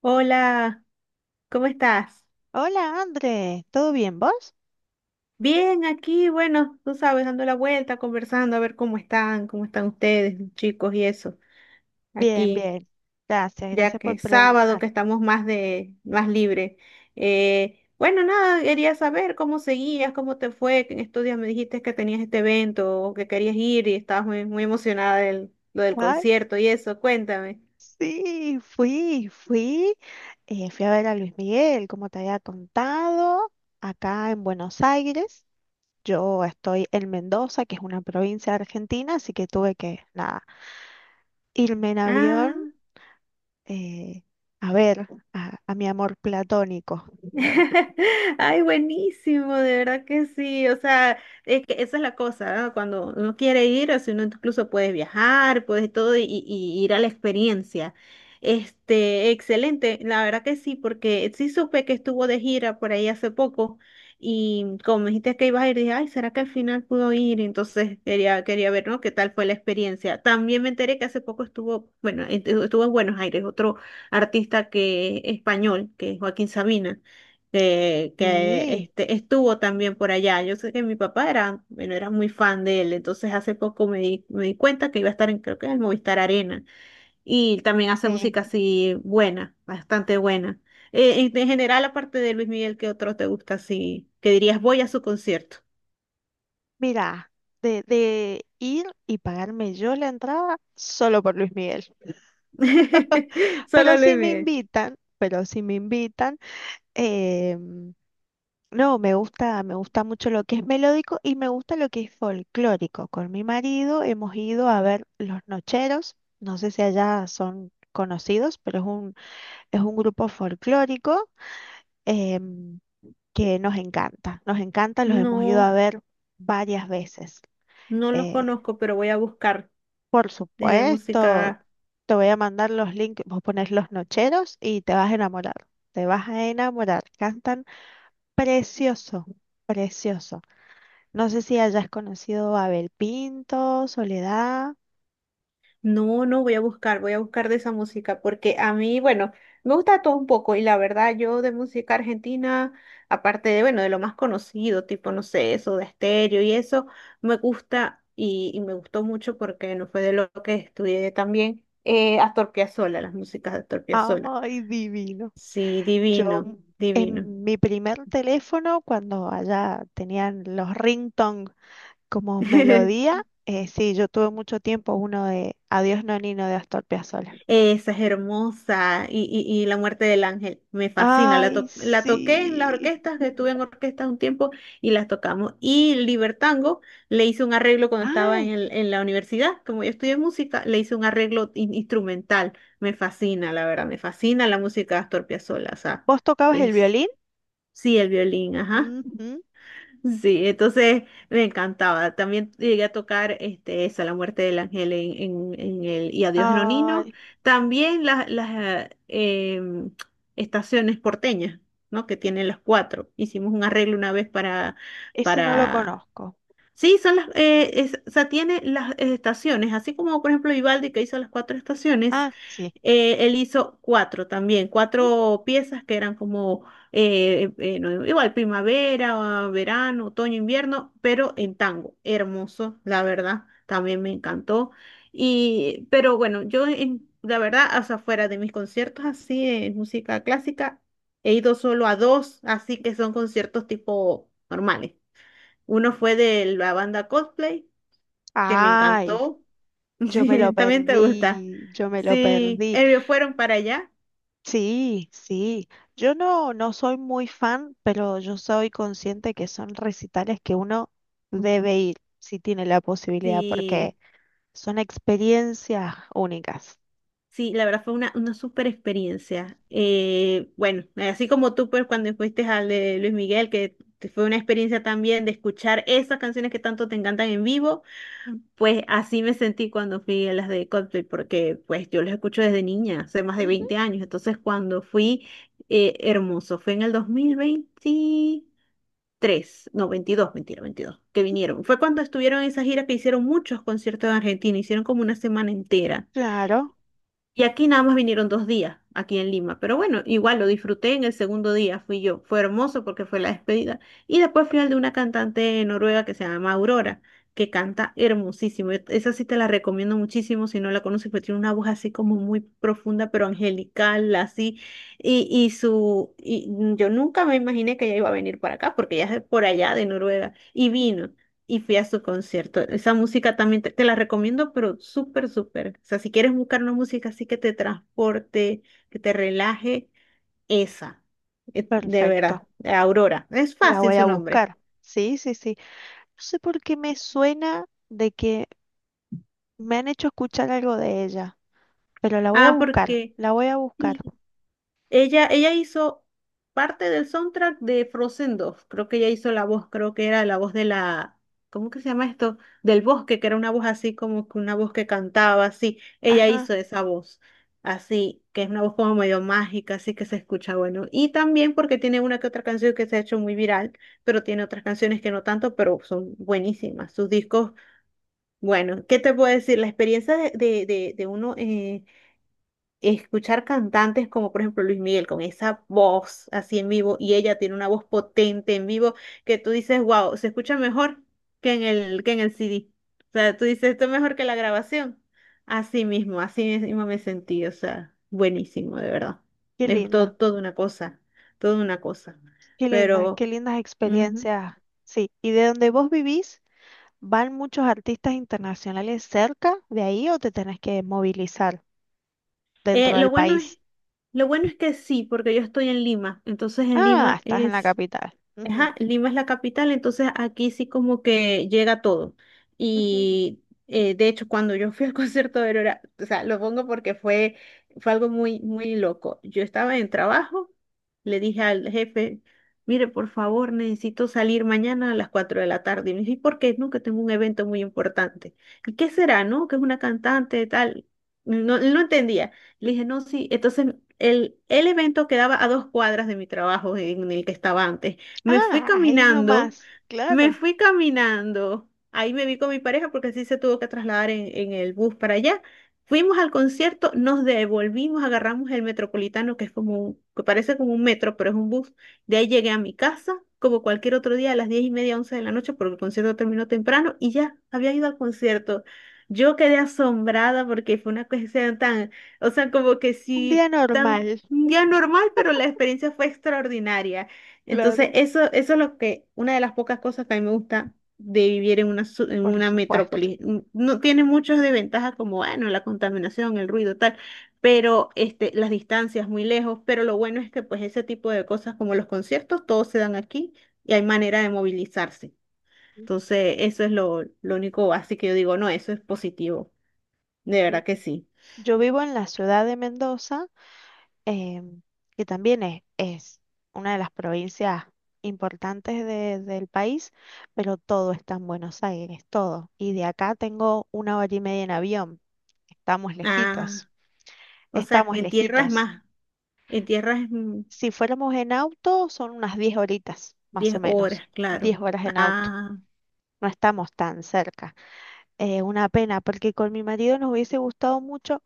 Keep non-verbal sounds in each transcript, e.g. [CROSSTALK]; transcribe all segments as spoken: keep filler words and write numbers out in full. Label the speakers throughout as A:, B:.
A: Hola, ¿cómo estás?
B: Hola, André. ¿Todo bien, vos?
A: Bien, aquí, bueno, tú sabes, dando la vuelta, conversando, a ver cómo están, cómo están ustedes, los chicos y eso.
B: Bien,
A: Aquí,
B: bien. Gracias,
A: ya
B: gracias
A: que
B: por
A: es sábado,
B: preguntar.
A: que estamos más de, más libre. Eh, bueno, nada, quería saber cómo seguías, cómo te fue, que en estos días me dijiste que tenías este evento o que querías ir y estabas muy, muy emocionada del, lo del
B: Ay,
A: concierto y eso. Cuéntame.
B: sí, fui, fui. eh, fui a ver a Luis Miguel, como te había contado, acá en Buenos Aires. Yo estoy en Mendoza, que es una provincia de Argentina, así que tuve que, nada, irme en avión
A: Ah.
B: eh, a ver a, a mi amor platónico.
A: [LAUGHS] Ay, buenísimo, de verdad que sí. O sea, es que esa es la cosa, ¿no? Cuando uno quiere ir, o si uno incluso puedes viajar, puedes todo y, y ir a la experiencia. Este, excelente, la verdad que sí, porque sí supe que estuvo de gira por ahí hace poco y como me dijiste que ibas a ir, dije, ay, ¿será que al final pudo ir? Entonces quería, quería ver, ¿no? ¿Qué tal fue la experiencia? También me enteré que hace poco estuvo, bueno, estuvo en Buenos Aires, otro artista que español, que es Joaquín Sabina que, que
B: Sí,
A: este, estuvo también por allá. Yo sé que mi papá era, bueno, era muy fan de él, entonces hace poco me di, me di cuenta que iba a estar en, creo que en el Movistar Arena, y también hace música
B: sí.
A: así buena, bastante buena. Eh, en, en general, aparte de Luis Miguel, ¿qué otro te gusta así? Que dirías, voy a su concierto.
B: Mira, de, de ir y pagarme yo la entrada solo por Luis Miguel.
A: [LAUGHS] Solo
B: Pero
A: Luis
B: si me
A: Miguel.
B: invitan, pero si me invitan, em, no, me gusta, me gusta mucho lo que es melódico y me gusta lo que es folclórico. Con mi marido hemos ido a ver Los Nocheros, no sé si allá son conocidos, pero es un, es un grupo folclórico em, que nos encanta, nos encanta, los hemos ido a
A: No,
B: ver varias veces.
A: no los
B: eh,
A: conozco, pero voy a buscar
B: Por
A: desde
B: supuesto,
A: música.
B: te voy a mandar los links, vos pones los nocheros y te vas a enamorar, te vas a enamorar, cantan precioso, precioso. No sé si hayas conocido a Abel Pinto, Soledad,
A: No, no, voy a buscar, voy a buscar de esa música, porque a mí, bueno, me gusta todo un poco y la verdad yo de música argentina, aparte de, bueno, de lo más conocido, tipo, no sé, eso de estéreo y eso, me gusta y, y me gustó mucho porque no fue de lo que estudié también, eh, Astor Piazzolla, las músicas de Astor Piazzolla.
B: ay, divino.
A: Sí,
B: Yo
A: divino, divino.
B: en mi primer teléfono, cuando allá tenían los ringtone como
A: [LAUGHS]
B: melodía, eh, sí, yo tuve mucho tiempo uno de Adiós Nonino de Astor Piazzolla.
A: Esa es hermosa. Y, y, y La muerte del ángel. Me fascina. La,
B: Ay,
A: to- la toqué en las
B: sí.
A: orquestas, que estuve en orquestas un tiempo y las tocamos. Y Libertango le hice un arreglo cuando estaba en,
B: Ay,
A: el- en la universidad. Como yo estudié música, le hice un arreglo in- instrumental. Me fascina, la verdad. Me fascina la música de Astor Piazzolla. O sea,
B: ¿vos tocabas el
A: es,
B: violín?
A: sí, el violín, ajá.
B: Ujú.
A: Sí, entonces me encantaba. También llegué a tocar este, esa, La muerte del ángel en, en, en el Y adiós Nonino.
B: Ay,
A: También las, las eh, em, estaciones porteñas, ¿no? Que tienen las cuatro. Hicimos un arreglo una vez para,
B: ese no lo
A: para...
B: conozco.
A: Sí, son las, eh, es- o sea, tiene las eh, estaciones, así como por ejemplo Vivaldi que hizo las cuatro estaciones,
B: Ah, sí.
A: eh, él hizo cuatro también,
B: Ujú.
A: cuatro piezas que eran como eh, eh, no, igual primavera, ah, verano, otoño, invierno, pero en tango. Hermoso, la verdad, también me encantó. Y, pero bueno, yo en- la verdad, hasta fuera de mis conciertos así de música clásica, he ido solo a dos, así que son conciertos tipo normales. Uno fue de la banda Coldplay, que me
B: Ay,
A: encantó. [LAUGHS]
B: yo me lo
A: Sí, también te gusta.
B: perdí, yo me lo
A: Sí,
B: perdí.
A: eh, fueron para allá.
B: Sí, sí. Yo no, no soy muy fan, pero yo soy consciente que son recitales que uno debe ir si tiene la posibilidad,
A: Sí,
B: porque son experiencias únicas.
A: sí, la verdad fue una, una súper experiencia. Eh, bueno, así como tú, pues cuando fuiste al de Luis Miguel, que te- fue una experiencia también de escuchar esas canciones que tanto te encantan en vivo, pues así me sentí cuando fui a las de Coldplay, porque pues yo los escucho desde niña, hace más de
B: Ujú.
A: veinte años. Entonces cuando fui, eh, hermoso, fue en el dos mil veintitrés no, veintidós mentira, veintidós que vinieron. Fue cuando estuvieron en esa gira que hicieron muchos conciertos en Argentina, hicieron como una semana entera.
B: Claro,
A: Y aquí nada más vinieron dos días, aquí en Lima. Pero bueno, igual lo disfruté en el segundo día, fui yo. Fue hermoso porque fue la despedida. Y después fui al de una cantante noruega que se llama Aurora, que canta hermosísimo. Et- Esa sí te la recomiendo muchísimo si no la conoces, pero tiene una voz así como muy profunda, pero angelical, así. Y, y su, y yo nunca me imaginé que ella iba a venir para acá, porque ella es de por allá de Noruega. Y vino y fui a su concierto. Esa música también te, te la recomiendo, pero súper, súper. O sea, si quieres buscar una música así que te transporte, que te relaje, esa, eh, de verdad,
B: perfecto.
A: Aurora. Es
B: La
A: fácil
B: voy
A: su
B: a
A: nombre.
B: buscar. Sí, sí, sí. No sé por qué me suena de que me han hecho escuchar algo de ella, pero la voy a
A: Ah,
B: buscar,
A: porque...
B: la voy a buscar.
A: sí, Ella, ella hizo parte del soundtrack de Frozen dos. Creo que ella hizo la voz, creo que era la voz de la, ¿cómo que se llama esto? Del bosque, que era una voz así como que una voz que cantaba así. Ella
B: Ajá,
A: hizo esa voz, así, que es una voz como medio mágica, así que se escucha bueno. Y también porque tiene una que otra canción que se ha hecho muy viral, pero tiene otras canciones que no tanto, pero son buenísimas. Sus discos, bueno, ¿qué te puedo decir? La experiencia de, de, de, de uno... eh, escuchar cantantes como por ejemplo Luis Miguel con esa voz así en vivo y ella tiene una voz potente en vivo que tú dices, wow, se escucha mejor que en el, que en el C D. O sea, tú dices, esto es mejor que la grabación. Así mismo, así mismo me sentí, o sea, buenísimo, de verdad.
B: qué
A: Es
B: linda,
A: todo, toda una cosa, toda una cosa.
B: qué linda, qué
A: Pero
B: lindas
A: ujú.
B: experiencias. Sí, ¿y de donde vos vivís, van muchos artistas internacionales cerca de ahí o te tenés que movilizar dentro
A: Eh,
B: del
A: lo bueno es,
B: país?
A: lo bueno es que sí, porque yo estoy en Lima, entonces en
B: Ah,
A: Lima
B: estás en la
A: es.
B: capital. Ujú,
A: Ajá, Lima es la capital, entonces aquí sí como que llega todo.
B: ujú.
A: Y eh, de hecho, cuando yo fui al [LAUGHS] concierto de Aurora, o sea, lo pongo porque fue, fue, algo muy, muy loco. Yo estaba en trabajo, le dije al jefe, mire, por favor, necesito salir mañana a las cuatro de la tarde. Y me dijo, ¿y por qué? No, que tengo un evento muy importante. ¿Y qué será, no? Que es una cantante, tal. No, no no entendía. Le dije, no, sí. Entonces, el, el evento quedaba a dos cuadras de mi trabajo en el que estaba antes. Me fui
B: Ah, ahí
A: caminando,
B: nomás,
A: me
B: claro.
A: fui caminando. Ahí me vi con mi pareja porque así se tuvo que trasladar en, en el bus para allá. Fuimos al concierto, nos devolvimos, agarramos el Metropolitano, que es como un- que parece como un metro, pero es un bus. De ahí llegué a mi casa, como cualquier otro día, a las diez y media, once de la noche, porque el concierto terminó temprano y ya había ido al concierto. Yo quedé asombrada porque fue una cuestión tan, o sea, como que
B: Un día
A: sí,
B: normal,
A: tan un día normal, pero la experiencia fue extraordinaria. Entonces,
B: claro,
A: eso, eso es lo que, una de las pocas cosas que a mí me gusta de vivir en una, su- en
B: por
A: una
B: supuesto.
A: metrópoli. N- No tiene muchas desventajas como, bueno, la contaminación, el ruido, tal, pero este, las distancias muy lejos, pero lo bueno es que pues ese tipo de cosas como los conciertos, todos se dan aquí y hay manera de movilizarse. Entonces, eso es lo, lo único así que yo digo, no, eso es positivo, de verdad
B: Ujú.
A: que sí.
B: Yo vivo en la ciudad de Mendoza em, que también es, es una de las provincias importantes de- del país, pero todo está en Buenos Aires, todo. Y de acá tengo una hora y media en avión. Estamos lejitos,
A: Ah, o sea, que
B: estamos
A: en tierra es
B: lejitos.
A: más, en tierra es mm,
B: Si fuéramos en auto, son unas diez horitas, más
A: diez
B: o menos.
A: horas, claro.
B: Diez horas en auto.
A: Ah.
B: No estamos tan cerca. Eh, una pena, porque con mi marido nos hubiese gustado mucho,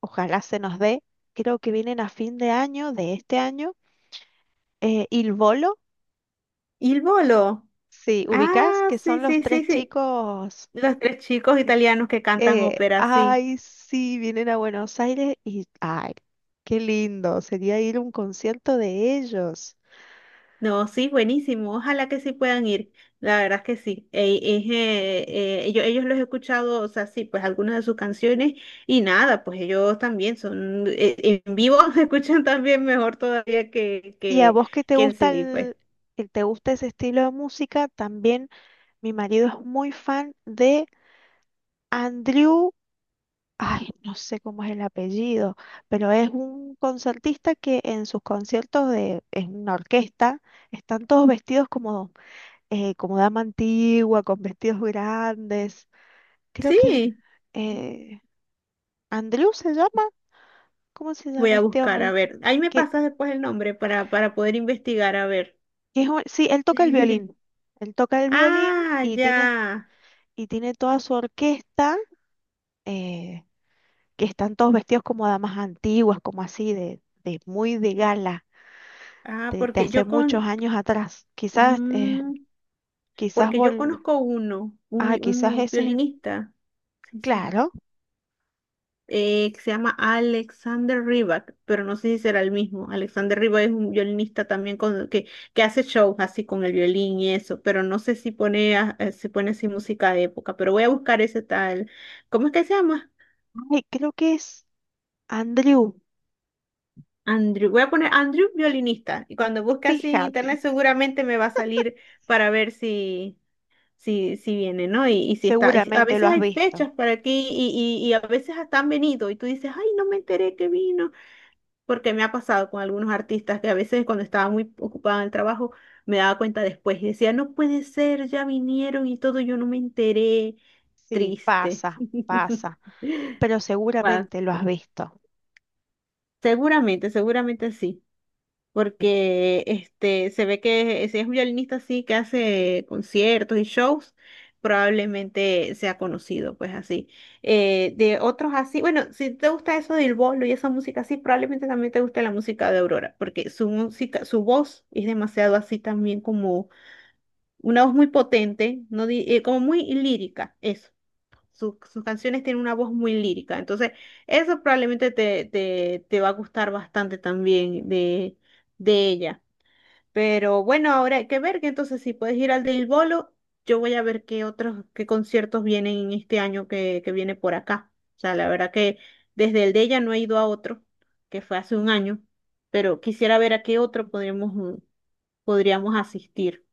B: ojalá se nos dé. Creo que vienen a fin de año, de este año, eh, Il
A: Y el bolo.
B: Sí, ubicás
A: Ah,
B: que
A: sí,
B: son los
A: sí,
B: tres
A: sí, sí.
B: chicos.
A: Los tres chicos italianos que cantan
B: eh,
A: ópera, sí.
B: ay, sí, vienen a Buenos Aires y. Ay, qué lindo. Sería ir a un concierto de ellos.
A: No, sí, buenísimo. Ojalá que sí puedan ir. La verdad es que sí. Eh, es, eh, eh, yo, ellos los he escuchado, o sea, sí, pues algunas de sus canciones y nada, pues ellos también son, eh, en vivo [LAUGHS] se escuchan también mejor todavía que,
B: Y a
A: que,
B: vos que te
A: que en
B: gusta
A: C D, pues.
B: el, el- te gusta ese estilo de música, también mi marido es muy fan de Andrew. Ay, no sé cómo es el apellido, pero es un concertista que en sus conciertos de, en una orquesta, están todos vestidos como eh, como dama antigua, con vestidos grandes. Creo que
A: Sí,
B: eh, Andrew se llama, ¿cómo se
A: voy
B: llama
A: a
B: este
A: buscar, a
B: hombre?
A: ver. Ahí me
B: Que,
A: pasas después el nombre para, para poder investigar, a ver.
B: que es un- sí, él toca el violín.
A: [LAUGHS]
B: Él toca el violín
A: Ah,
B: y tiene,
A: ya.
B: y tiene toda su orquesta, eh, que están todos vestidos como damas antiguas, como así, de, de muy de gala,
A: Ah,
B: de, de
A: porque
B: hace
A: yo
B: muchos
A: con,
B: años atrás. Quizás, eh,
A: mm,
B: quizás
A: porque yo
B: vol-
A: conozco uno, un,
B: ah,
A: vi-
B: quizás ese
A: un
B: es el,
A: violinista, sí será,
B: claro.
A: eh, que se llama Alexander Rybak, pero no sé si será el mismo. Alexander Rybak es un violinista también con, que, que hace shows así con el violín y eso, pero no sé si pone, a- eh, si pone así música de época, pero voy a buscar ese tal, ¿cómo es que se llama?
B: Ay, creo que es Andrew.
A: Andrew, voy a poner Andrew violinista y cuando busque así en
B: Fíjate.
A: internet seguramente me va a salir para ver si si, si viene, ¿no? Y, y si está, y si- a
B: Seguramente lo
A: veces
B: has
A: hay
B: visto.
A: fechas para aquí y, y, y a veces hasta han venido y tú dices, ay, no me enteré que vino, porque me ha pasado con algunos artistas que a veces cuando estaba muy ocupada en el trabajo me daba cuenta después y decía, no puede ser, ya vinieron y todo, yo no me enteré,
B: Sí,
A: triste.
B: pasa,
A: [LAUGHS]
B: pasa, pero
A: Pasa.
B: seguramente lo has visto.
A: Seguramente, seguramente sí. Porque este, se ve que si es un violinista así que hace conciertos y shows, probablemente sea conocido, pues así. Eh, de otros así, bueno, si te gusta eso del bolo y esa música así, probablemente también te guste la música de Aurora, porque su música, su voz es demasiado así también como una voz muy potente, no di- eh, como muy lírica, eso. Sus, sus canciones tienen una voz muy lírica, entonces eso probablemente te, te, te va a gustar bastante también de, de ella. Pero bueno, ahora hay que ver que entonces si puedes ir al del Bolo, yo voy a ver qué otros, qué conciertos vienen en este año que, que viene por acá. O sea, la verdad que desde el de ella no he ido a otro, que fue hace un año, pero quisiera ver a qué otro podríamos, mm, podríamos asistir.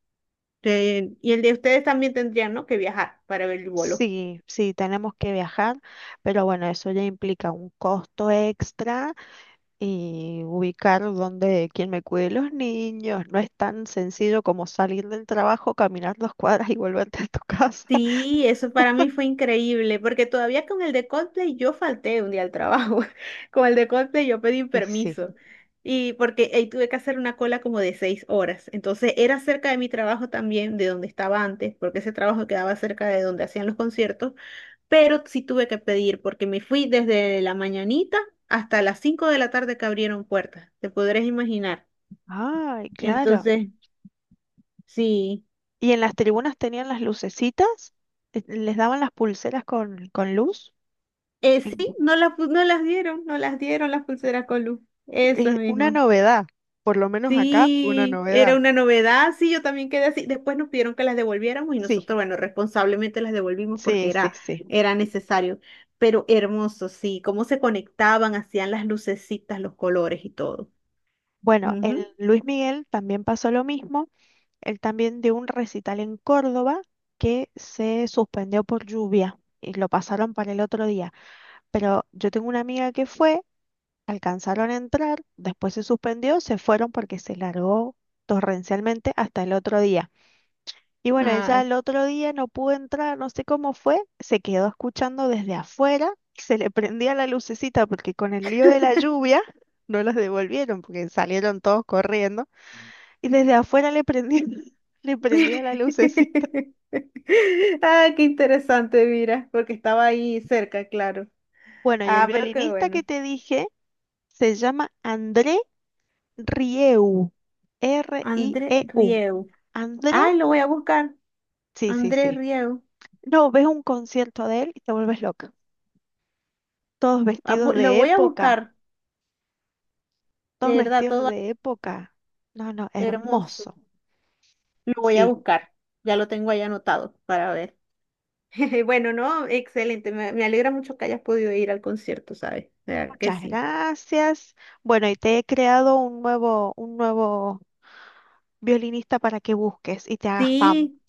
A: Eh, y el de ustedes también tendrían, ¿no? que viajar para ver el Bolo.
B: Sí, sí, tenemos que viajar, pero bueno, eso ya implica un costo extra y ubicar donde quien me cuide los niños. No es tan sencillo como salir del trabajo, caminar dos cuadras y volverte a tu casa. [LAUGHS]
A: Sí, eso para mí fue increíble, porque todavía con el de Coldplay yo falté un día al trabajo. [LAUGHS] Con el de Coldplay yo pedí
B: Y sí.
A: permiso. Y porque ahí tuve que hacer una cola como de seis horas. Entonces era cerca de mi trabajo también, de donde estaba antes, porque ese trabajo quedaba cerca de donde hacían los conciertos. Pero sí tuve que pedir, porque me fui desde la mañanita hasta las cinco de la tarde que abrieron puertas. Te podrás imaginar.
B: Ay, claro.
A: Entonces, sí.
B: ¿Y en las tribunas tenían las lucecitas? Eh, ¿Les daban las pulseras con, con luz?
A: Eh, sí, no las, pu- no las dieron, no las dieron las pulseras con luz, esas
B: Es una
A: mismas.
B: novedad, por lo menos acá, una
A: Sí, era
B: novedad.
A: una novedad, sí, yo también quedé así. Después nos pidieron que las devolviéramos y nosotros,
B: Sí,
A: bueno, responsablemente las devolvimos porque
B: sí, sí,
A: era,
B: sí.
A: era necesario. Pero hermoso, sí, cómo se conectaban, hacían las lucecitas, los colores y todo.
B: Bueno,
A: Ujú.
B: el Luis Miguel también pasó lo mismo. Él también dio un recital en Córdoba que se suspendió por lluvia y lo pasaron para el otro día. Pero yo tengo una amiga que fue, alcanzaron a entrar, después se suspendió, se fueron porque se largó torrencialmente hasta el otro día. Y bueno, ella
A: Ay.
B: el otro día no pudo entrar, no sé cómo fue, se quedó escuchando desde afuera, se le prendía la lucecita porque con el lío de la lluvia no las devolvieron porque salieron todos corriendo y desde afuera le prendía, [LAUGHS] le prendía la
A: [LAUGHS]
B: lucecita.
A: Ay, qué interesante, mira, porque estaba ahí cerca, claro.
B: Bueno, y el
A: Ah, pero qué
B: violinista que
A: bueno.
B: te dije se llama André Rieu,
A: André
B: R I E U.
A: Rieu.
B: André,
A: Ay, lo voy a buscar.
B: sí, sí,
A: Andrés
B: sí.
A: Riego.
B: No, ves un concierto de él y te vuelves loca. Todos
A: Ah,
B: vestidos
A: bu- Lo
B: de
A: voy a
B: época.
A: buscar.
B: Todos
A: De verdad,
B: vestidos
A: todo
B: de época. No, no,
A: hermoso.
B: hermoso.
A: Lo voy a
B: Sí,
A: buscar. Ya lo tengo ahí anotado para ver. [LAUGHS] Bueno, no, excelente. Me, me alegra mucho que hayas podido ir al concierto, ¿sabes? De verdad que
B: muchas
A: sí.
B: gracias. Bueno, y te he creado un nuevo, un nuevo violinista para que busques y te hagas fan
A: Sí,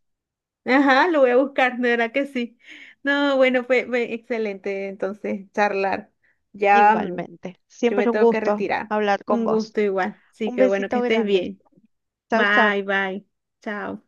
A: ajá, lo voy a buscar, de verdad que sí. No, bueno, fue, fue excelente entonces charlar. Ya, mm,
B: igualmente.
A: yo me
B: Siempre un
A: tengo que
B: gusto
A: retirar.
B: hablar con
A: Un
B: vos.
A: gusto igual. Sí,
B: Un
A: que bueno que
B: besito
A: estés
B: grande.
A: bien.
B: Chau, chau.
A: Bye, bye. Chao.